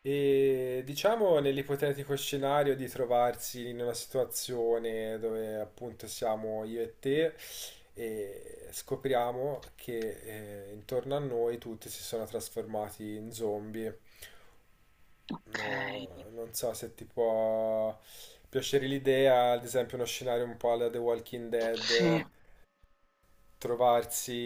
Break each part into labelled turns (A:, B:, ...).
A: E diciamo nell'ipotetico scenario di trovarsi in una situazione dove appunto siamo io e te e scopriamo che intorno a noi tutti si sono trasformati in zombie. No,
B: Okay,
A: non so se ti può piacere l'idea, ad esempio uno scenario un po' alla The Walking Dead,
B: sì.
A: trovarsi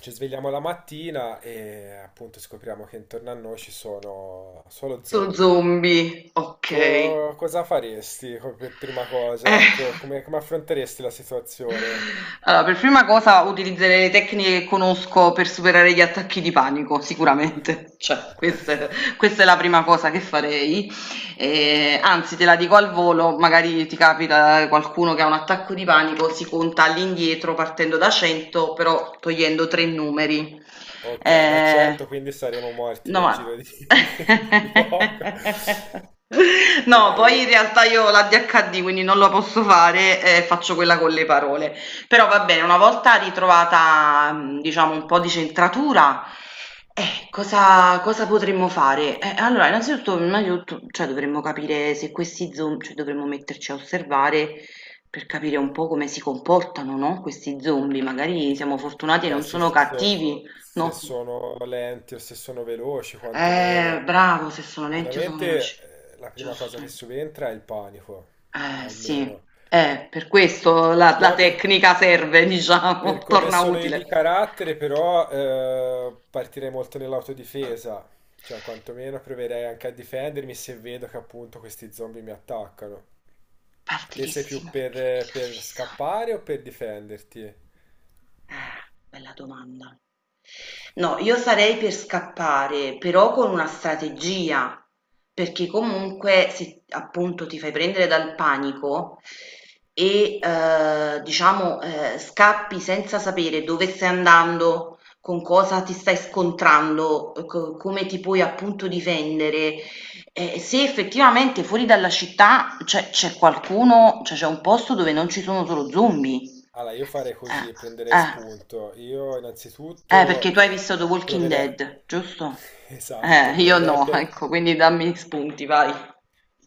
A: ci svegliamo la mattina e appunto scopriamo che intorno a noi ci sono solo
B: Su
A: zombie.
B: zombie, okay.
A: Cosa faresti per prima cosa?
B: Eh,
A: Ecco, come, come affronteresti la situazione?
B: allora per prima cosa utilizzerei le tecniche che conosco per superare gli attacchi di panico, sicuramente. Cioè, questa è questa è la prima cosa che farei. Anzi te la dico al volo, magari ti capita qualcuno che ha un attacco di panico, si conta all'indietro partendo da 100 però togliendo 3 numeri.
A: Ok, da
B: Ehm,
A: 100 quindi saremo morti
B: no
A: nel
B: ma
A: giro di, di poco. E,
B: No, poi in realtà io ho l'ADHD, quindi non lo posso fare, faccio quella con le parole. Però va bene, una volta ritrovata, diciamo, un po' di centratura, cosa potremmo fare? Allora, innanzitutto, prima di tutto, cioè, dovremmo capire se questi zombie, cioè, dovremmo metterci a osservare per capire un po' come si comportano, no? Questi zombie, magari siamo fortunati e
A: Beh,
B: non
A: sì,
B: sono cattivi,
A: se
B: no?
A: sono lenti o se sono veloci, quantomeno.
B: Bravo, se sono lenti o sono veloci.
A: Sicuramente la prima cosa
B: Giusto.
A: che subentra è il panico,
B: Sì.
A: almeno.
B: Per questo la
A: Poi per,
B: tecnica serve, diciamo,
A: Per come
B: torna
A: sono io
B: utile.
A: di carattere, però, partirei molto nell'autodifesa, cioè quantomeno proverei anche a difendermi se vedo che appunto questi zombie mi attaccano. Te sei
B: Partirissimo
A: più
B: nella
A: per
B: divisa.
A: scappare o per difenderti?
B: Eh, Bella domanda. No, io sarei per scappare, però con una strategia, perché comunque se appunto ti fai prendere dal panico e diciamo scappi senza sapere dove stai andando, con cosa ti stai scontrando, come ti puoi appunto difendere, se effettivamente fuori dalla città c'è qualcuno, cioè c'è un posto dove non ci sono solo zombie.
A: Allora, io farei così, prenderei
B: Eh.
A: spunto. Io
B: Perché
A: innanzitutto
B: tu hai visto The Walking
A: proverei...
B: Dead, giusto?
A: Esatto,
B: Io no, ecco, quindi dammi spunti, vai.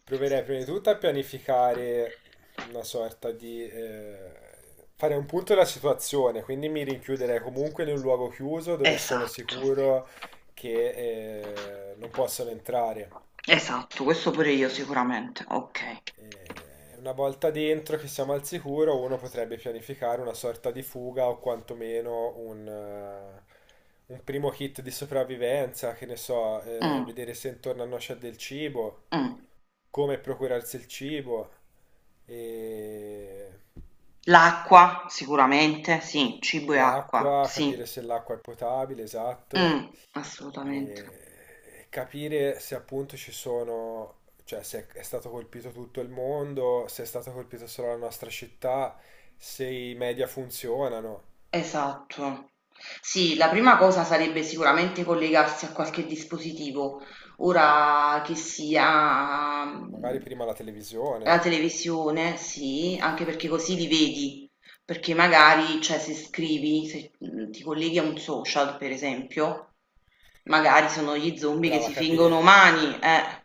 A: Proverei prima di tutto a pianificare una sorta di... fare un punto della situazione, quindi mi rinchiuderei comunque in un luogo chiuso dove sono
B: Esatto,
A: sicuro che non possono entrare.
B: esatto, questo pure io sicuramente, ok.
A: Una volta dentro che siamo al sicuro, uno potrebbe pianificare una sorta di fuga o quantomeno un primo kit di sopravvivenza, che ne so,
B: Mm,
A: vedere se intorno a noi c'è del cibo.
B: mm.
A: Come procurarsi il cibo e
B: L'acqua, sicuramente, sì, cibo e acqua,
A: l'acqua,
B: sì.
A: capire se l'acqua è potabile, esatto,
B: Mm, assolutamente.
A: e capire se appunto ci sono, cioè se è stato colpito tutto il mondo, se è stato colpito solo la nostra città, se i media funzionano,
B: Esatto. Sì, la prima cosa sarebbe sicuramente collegarsi a qualche dispositivo, ora che sia... mm.
A: magari prima la
B: La
A: televisione,
B: televisione, sì, anche perché così li vedi, perché magari, cioè, se scrivi, se mm, ti colleghi a un social, per esempio, magari sono gli zombie che
A: brava a
B: si fingono
A: capire.
B: umani, eh.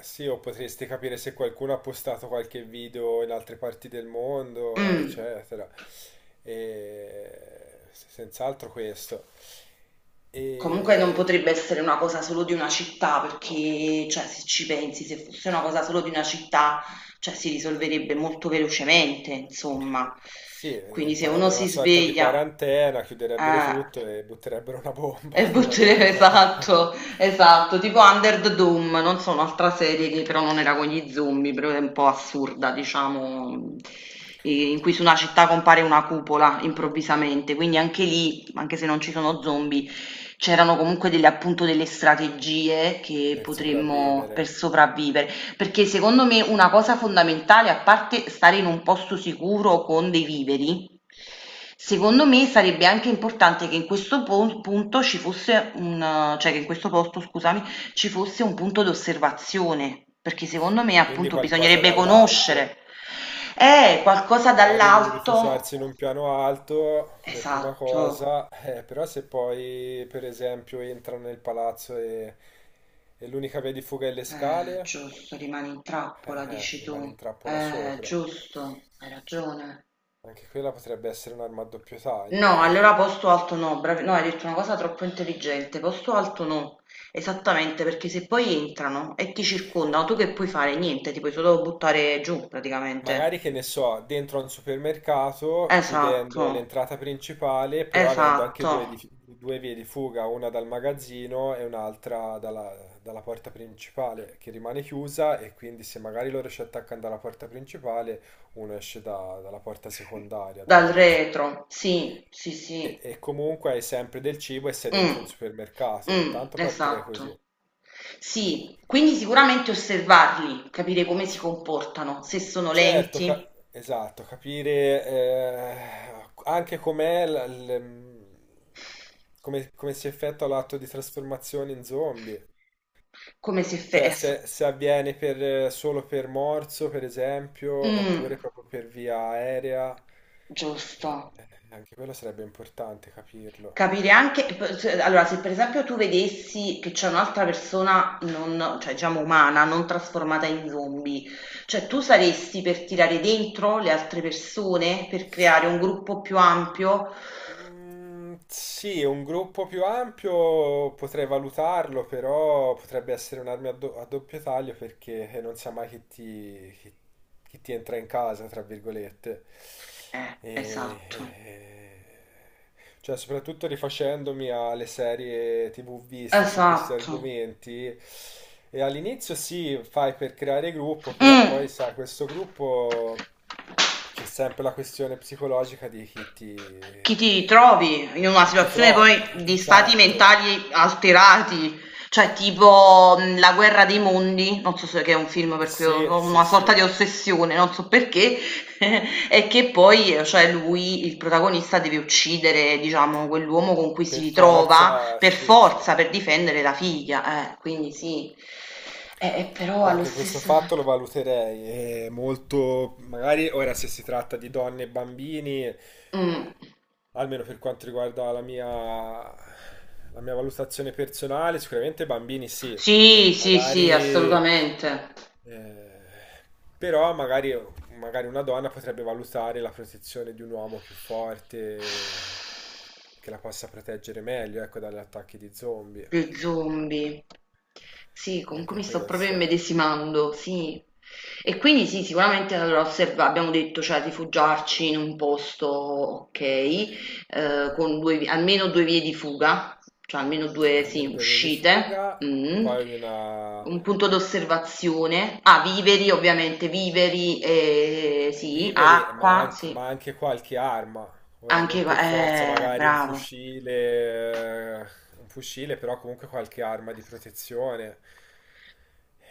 A: Sì, o potresti capire se qualcuno ha postato qualche video in altre parti del mondo,
B: Mm.
A: eccetera. Senz'altro questo.
B: Comunque non
A: E...
B: potrebbe essere una cosa solo di una città, perché, cioè, se ci pensi, se fosse una cosa solo di una città, cioè, si risolverebbe molto velocemente, insomma.
A: Sì,
B: Quindi se uno
A: farebbero una
B: si
A: sorta di
B: sveglia...
A: quarantena, chiuderebbero
B: eh,
A: tutto e butterebbero una bomba,
B: e
A: magari
B: buttare
A: potrebbero fare
B: esatto, esatto, tipo Under the Dome, non so, un'altra serie che però non era con gli zombie, però è un po' assurda, diciamo, in cui su una città compare una cupola improvvisamente, quindi anche lì, anche se non ci sono zombie, c'erano comunque delle, appunto delle strategie che
A: per
B: potremmo per
A: sopravvivere.
B: sopravvivere, perché secondo me una cosa fondamentale, a parte stare in un posto sicuro con dei viveri. Secondo me sarebbe anche importante che in questo pon punto ci fosse un cioè che in questo posto, scusami, ci fosse un punto d'osservazione, perché secondo me
A: Quindi
B: appunto
A: qualcosa
B: bisognerebbe
A: dall'alto.
B: conoscere. Qualcosa
A: Magari
B: dall'alto.
A: rifugiarsi in un piano alto come prima
B: Esatto,
A: cosa, però se poi per esempio entrano nel palazzo e l'unica via di fuga è le scale,
B: giusto, rimani in trappola, dici
A: rimane
B: tu.
A: in trappola sopra.
B: Giusto, hai ragione.
A: Anche quella potrebbe essere un'arma a doppio taglio.
B: No, allora
A: E
B: posto alto no, no, hai detto una cosa troppo intelligente, posto alto no, esattamente, perché se poi entrano e ti circondano, tu che puoi fare? Niente, ti puoi solo buttare giù praticamente.
A: magari che ne so, dentro a un supermercato,
B: Esatto,
A: chiudendo l'entrata principale, però avendo anche
B: esatto,
A: due vie di fuga, una dal magazzino e un'altra dalla, dalla porta principale, che rimane chiusa e quindi se magari loro ci attaccano dalla porta principale, uno esce dalla porta secondaria, dal
B: dal
A: magazzino.
B: retro, sì, sì, sì.
A: E comunque hai sempre del cibo e sei dentro
B: Mm,
A: un supermercato,
B: mm,
A: intanto partirei così.
B: esatto. Sì, quindi sicuramente osservarli, capire come si comportano, se sono
A: Certo,
B: lenti,
A: esatto, capire anche com'è la- l- mm, come, come si effettua l'atto di trasformazione in zombie.
B: come si... effe-
A: Cioè,
B: es-
A: se avviene solo per morso, per esempio,
B: mm,
A: oppure proprio per via aerea, eh,
B: giusto.
A: anche quello sarebbe importante capirlo.
B: Capire anche p s allora se per esempio tu vedessi che c'è un'altra persona non cioè diciamo umana, non trasformata in zombie, cioè tu saresti per tirare dentro le altre persone, per creare un gruppo più ampio?
A: Mm, sì, un gruppo più ampio potrei valutarlo, però potrebbe essere a doppio taglio perché non sa mai chi che ti entra in casa, tra virgolette. E,
B: Esatto,
A: e- cioè, soprattutto rifacendomi alle serie TV viste su questi
B: esatto.
A: argomenti. E all'inizio sì, fai per creare gruppo, però
B: Mh.
A: poi sai, questo gruppo c'è sempre la questione psicologica di
B: Chi ti trovi in una
A: chi ti
B: situazione poi
A: trovi.
B: di stati
A: Esatto.
B: mentali alterati, cioè tipo La guerra dei mondi, non so se che è un film per cui ho
A: Sì,
B: ho
A: sì,
B: una sorta
A: sì.
B: di ossessione, non so perché, e che poi cioè lui, il protagonista, deve uccidere, diciamo, quell'uomo con cui si
A: Per
B: ritrova
A: forza,
B: per
A: sì, sì.
B: forza, per difendere la figlia, quindi sì, eh, però
A: No,
B: allo
A: anche questo
B: stesso
A: fatto lo
B: tempo...
A: valuterei, è molto, magari ora se si tratta di donne e bambini,
B: Mm.
A: almeno per quanto riguarda la mia valutazione personale, sicuramente bambini sì,
B: Sì,
A: ecco,
B: sì, sì,
A: magari,
B: assolutamente.
A: eh, però magari, magari una donna potrebbe valutare la protezione di un uomo più forte che la possa proteggere meglio, ecco, dagli attacchi di zombie,
B: Lo zombie. Sì, comunque
A: anche
B: mi sto proprio
A: questo.
B: immedesimando, sì. E quindi sì, sicuramente allora abbiamo detto, cioè rifugiarci in un posto, ok, con almeno due vie di fuga, cioè almeno due, sì,
A: Almeno due vie di
B: uscite,
A: fuga,
B: mm.
A: poi una.
B: Un punto d'osservazione, ah, viveri ovviamente, viveri, sì,
A: Viveri,
B: acqua, sì,
A: ma anche qualche arma. Ora,
B: anche,
A: non per forza magari
B: bravo.
A: un fucile, però comunque qualche arma di protezione.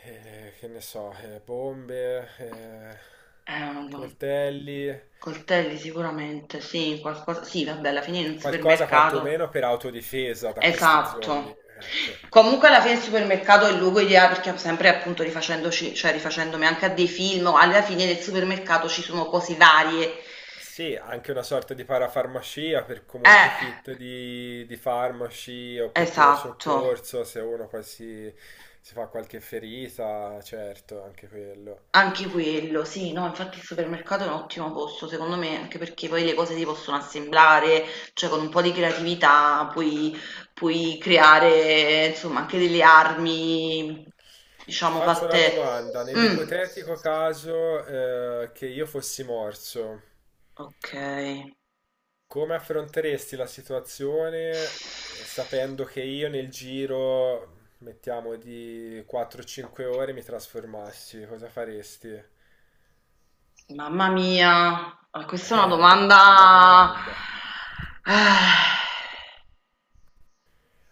A: Che ne so, bombe,
B: Eh,
A: coltelli,
B: Coltelli sicuramente, sì, qualcosa sì vabbè alla fine in un
A: qualcosa
B: supermercato
A: quantomeno per autodifesa da questi zombie,
B: esatto.
A: ecco.
B: Comunque alla fine il supermercato è il luogo ideale perché sempre appunto rifacendoci cioè rifacendomi anche a dei film, alla fine nel supermercato ci sono cose varie.
A: Sì, anche una sorta di parafarmacia per comunque
B: Eh,
A: kit di farmaci o per primo
B: esatto.
A: soccorso, se uno si fa qualche ferita, certo, anche quello.
B: Anche quello, sì, no, infatti il supermercato è un ottimo posto, secondo me, anche perché poi le cose si possono assemblare, cioè con un po' di creatività puoi, puoi creare, insomma, anche delle armi,
A: Ti
B: diciamo,
A: faccio una
B: fatte...
A: domanda,
B: Mm,
A: nell'ipotetico caso, che io fossi morso,
B: ok.
A: come affronteresti la situazione sapendo che io nel giro, mettiamo di 4-5 ore, mi trasformassi? Cosa faresti?
B: Mamma mia, ah, questa è una
A: Bella
B: domanda...
A: domanda.
B: Ah,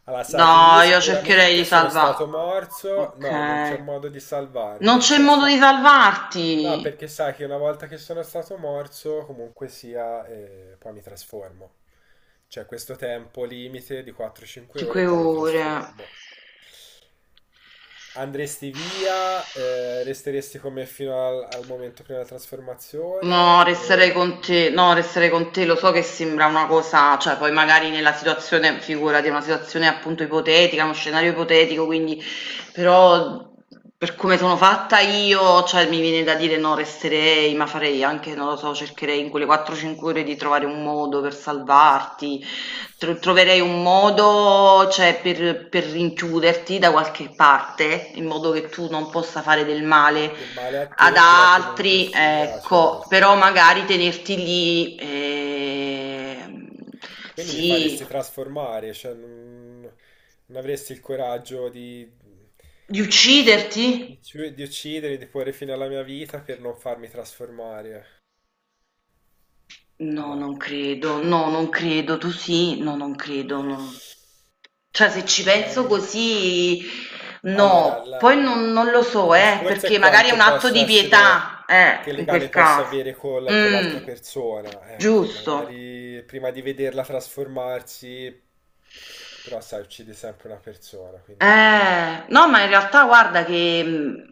A: Allora, sai che
B: no,
A: io
B: io cercherei
A: sicuramente
B: di
A: sono
B: salvare...
A: stato morso, no, non c'è
B: Ok.
A: modo di
B: Non
A: salvarmi,
B: c'è modo di
A: no,
B: salvarti.
A: perché sai che una volta che sono stato morso, comunque sia, poi mi trasformo. C'è questo tempo limite di 4-5 ore e
B: Cinque
A: poi mi
B: ore.
A: trasformo. Andresti via, resteresti con me fino al momento prima della
B: No,
A: trasformazione
B: resterei
A: o
B: con te. No, resterei con te. Lo so che sembra una cosa, cioè poi magari nella situazione, figurati, è una situazione appunto ipotetica, uno scenario ipotetico, quindi però per come sono fatta io, cioè mi viene da dire no, resterei, ma farei anche, non lo so, cercherei in quelle 4-5 ore di trovare un modo per salvarti, troverei un modo, cioè, per rinchiuderti da qualche parte, in modo che tu non possa fare del male
A: del male a
B: ad
A: te, però comunque
B: altri,
A: sia,
B: ecco, però
A: certo.
B: magari tenerti lì,
A: Quindi mi
B: sì,
A: faresti trasformare, cioè non avresti il coraggio
B: di
A: di, fi-
B: ucciderti?
A: di uccidere, di porre fine alla mia vita per non farmi trasformare.
B: No,
A: No.
B: non credo, no, non credo, tu sì, no, non credo, no. Cioè, se ci penso
A: Beh,
B: così,
A: allora,
B: no, poi non, non lo so,
A: il discorso è
B: perché magari è
A: quanto
B: un atto
A: posso
B: di
A: essere,
B: pietà,
A: che
B: in quel
A: legame posso
B: caso.
A: avere con l'altra
B: Mm,
A: persona. Ecco,
B: giusto.
A: magari prima di vederla trasformarsi, però sai, uccide sempre una persona, quindi
B: No, ma in realtà guarda che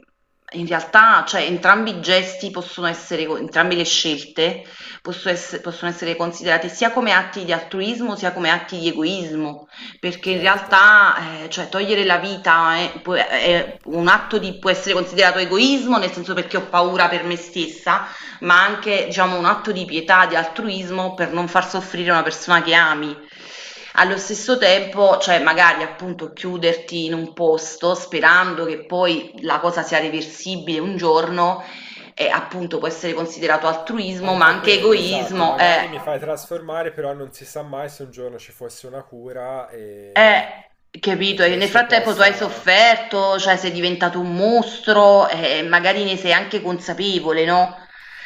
B: in realtà, cioè, entrambi i gesti possono essere, co- entrambe le scelte possono essere, considerate sia come atti di altruismo sia come atti di egoismo, perché in
A: certo.
B: realtà, cioè, togliere la vita è, è un atto di, può essere considerato egoismo, nel senso perché ho paura per me stessa, ma anche, diciamo, un atto di pietà, di altruismo per non far soffrire una persona che ami. Allo stesso tempo, cioè magari appunto chiuderti in un posto sperando che poi la cosa sia reversibile un giorno, appunto può essere considerato altruismo, ma
A: Anche
B: anche
A: quello, esatto,
B: egoismo,
A: magari mi fai trasformare, però non si sa mai se un giorno ci fosse una cura e
B: capito? E nel
A: questo
B: frattempo tu hai
A: possa...
B: sofferto, cioè sei diventato un mostro e magari ne sei anche consapevole, no?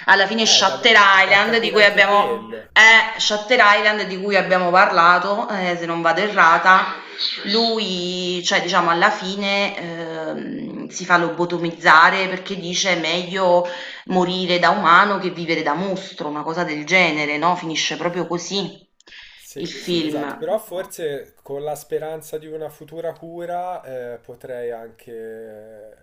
B: Alla fine
A: Eh, da,
B: Shutter
A: da
B: Island di
A: capire
B: cui
A: anche
B: abbiamo,
A: quello.
B: Shutter Island di cui abbiamo parlato, se non vado errata, lui, cioè diciamo alla fine, si fa lobotomizzare perché dice meglio morire da umano che vivere da mostro, una cosa del genere, no? Finisce proprio così il
A: Sì, sì, esatto, però
B: film.
A: forse con la speranza di una futura cura potrei anche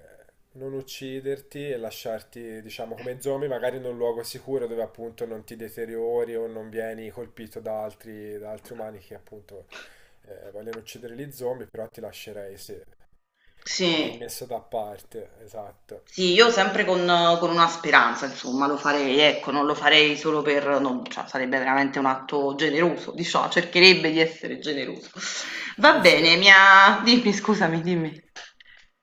A: non ucciderti e lasciarti, diciamo, come zombie, magari in un luogo sicuro dove appunto non ti deteriori o non vieni colpito da altri umani che appunto vogliono uccidere gli zombie, però ti lascerei, sì, lì
B: Sì,
A: messo da parte, esatto.
B: sì, io sempre con una speranza, insomma, lo farei, ecco, non lo farei solo per, non, cioè, sarebbe veramente un atto generoso, diciamo, cercherebbe di essere generoso. Va
A: Eh sì, eh.
B: bene, mi ha... Dimmi, scusami, dimmi.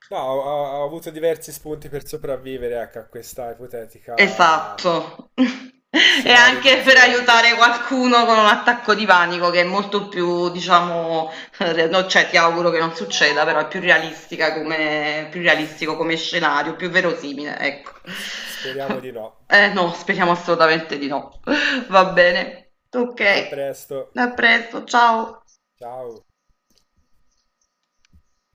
A: No, ho avuto diversi spunti per sopravvivere, ecco, a questa ipotetica
B: Esatto. E
A: scenario di
B: anche per
A: zombie.
B: aiutare qualcuno con un attacco di panico che è molto più, diciamo, re no, cioè ti auguro che non succeda, però è più realistica come più realistico come scenario, più verosimile, ecco.
A: Speriamo di no.
B: Eh no, speriamo assolutamente di no. Va bene.
A: A
B: Okay.
A: presto.
B: A presto, ciao.
A: Ciao.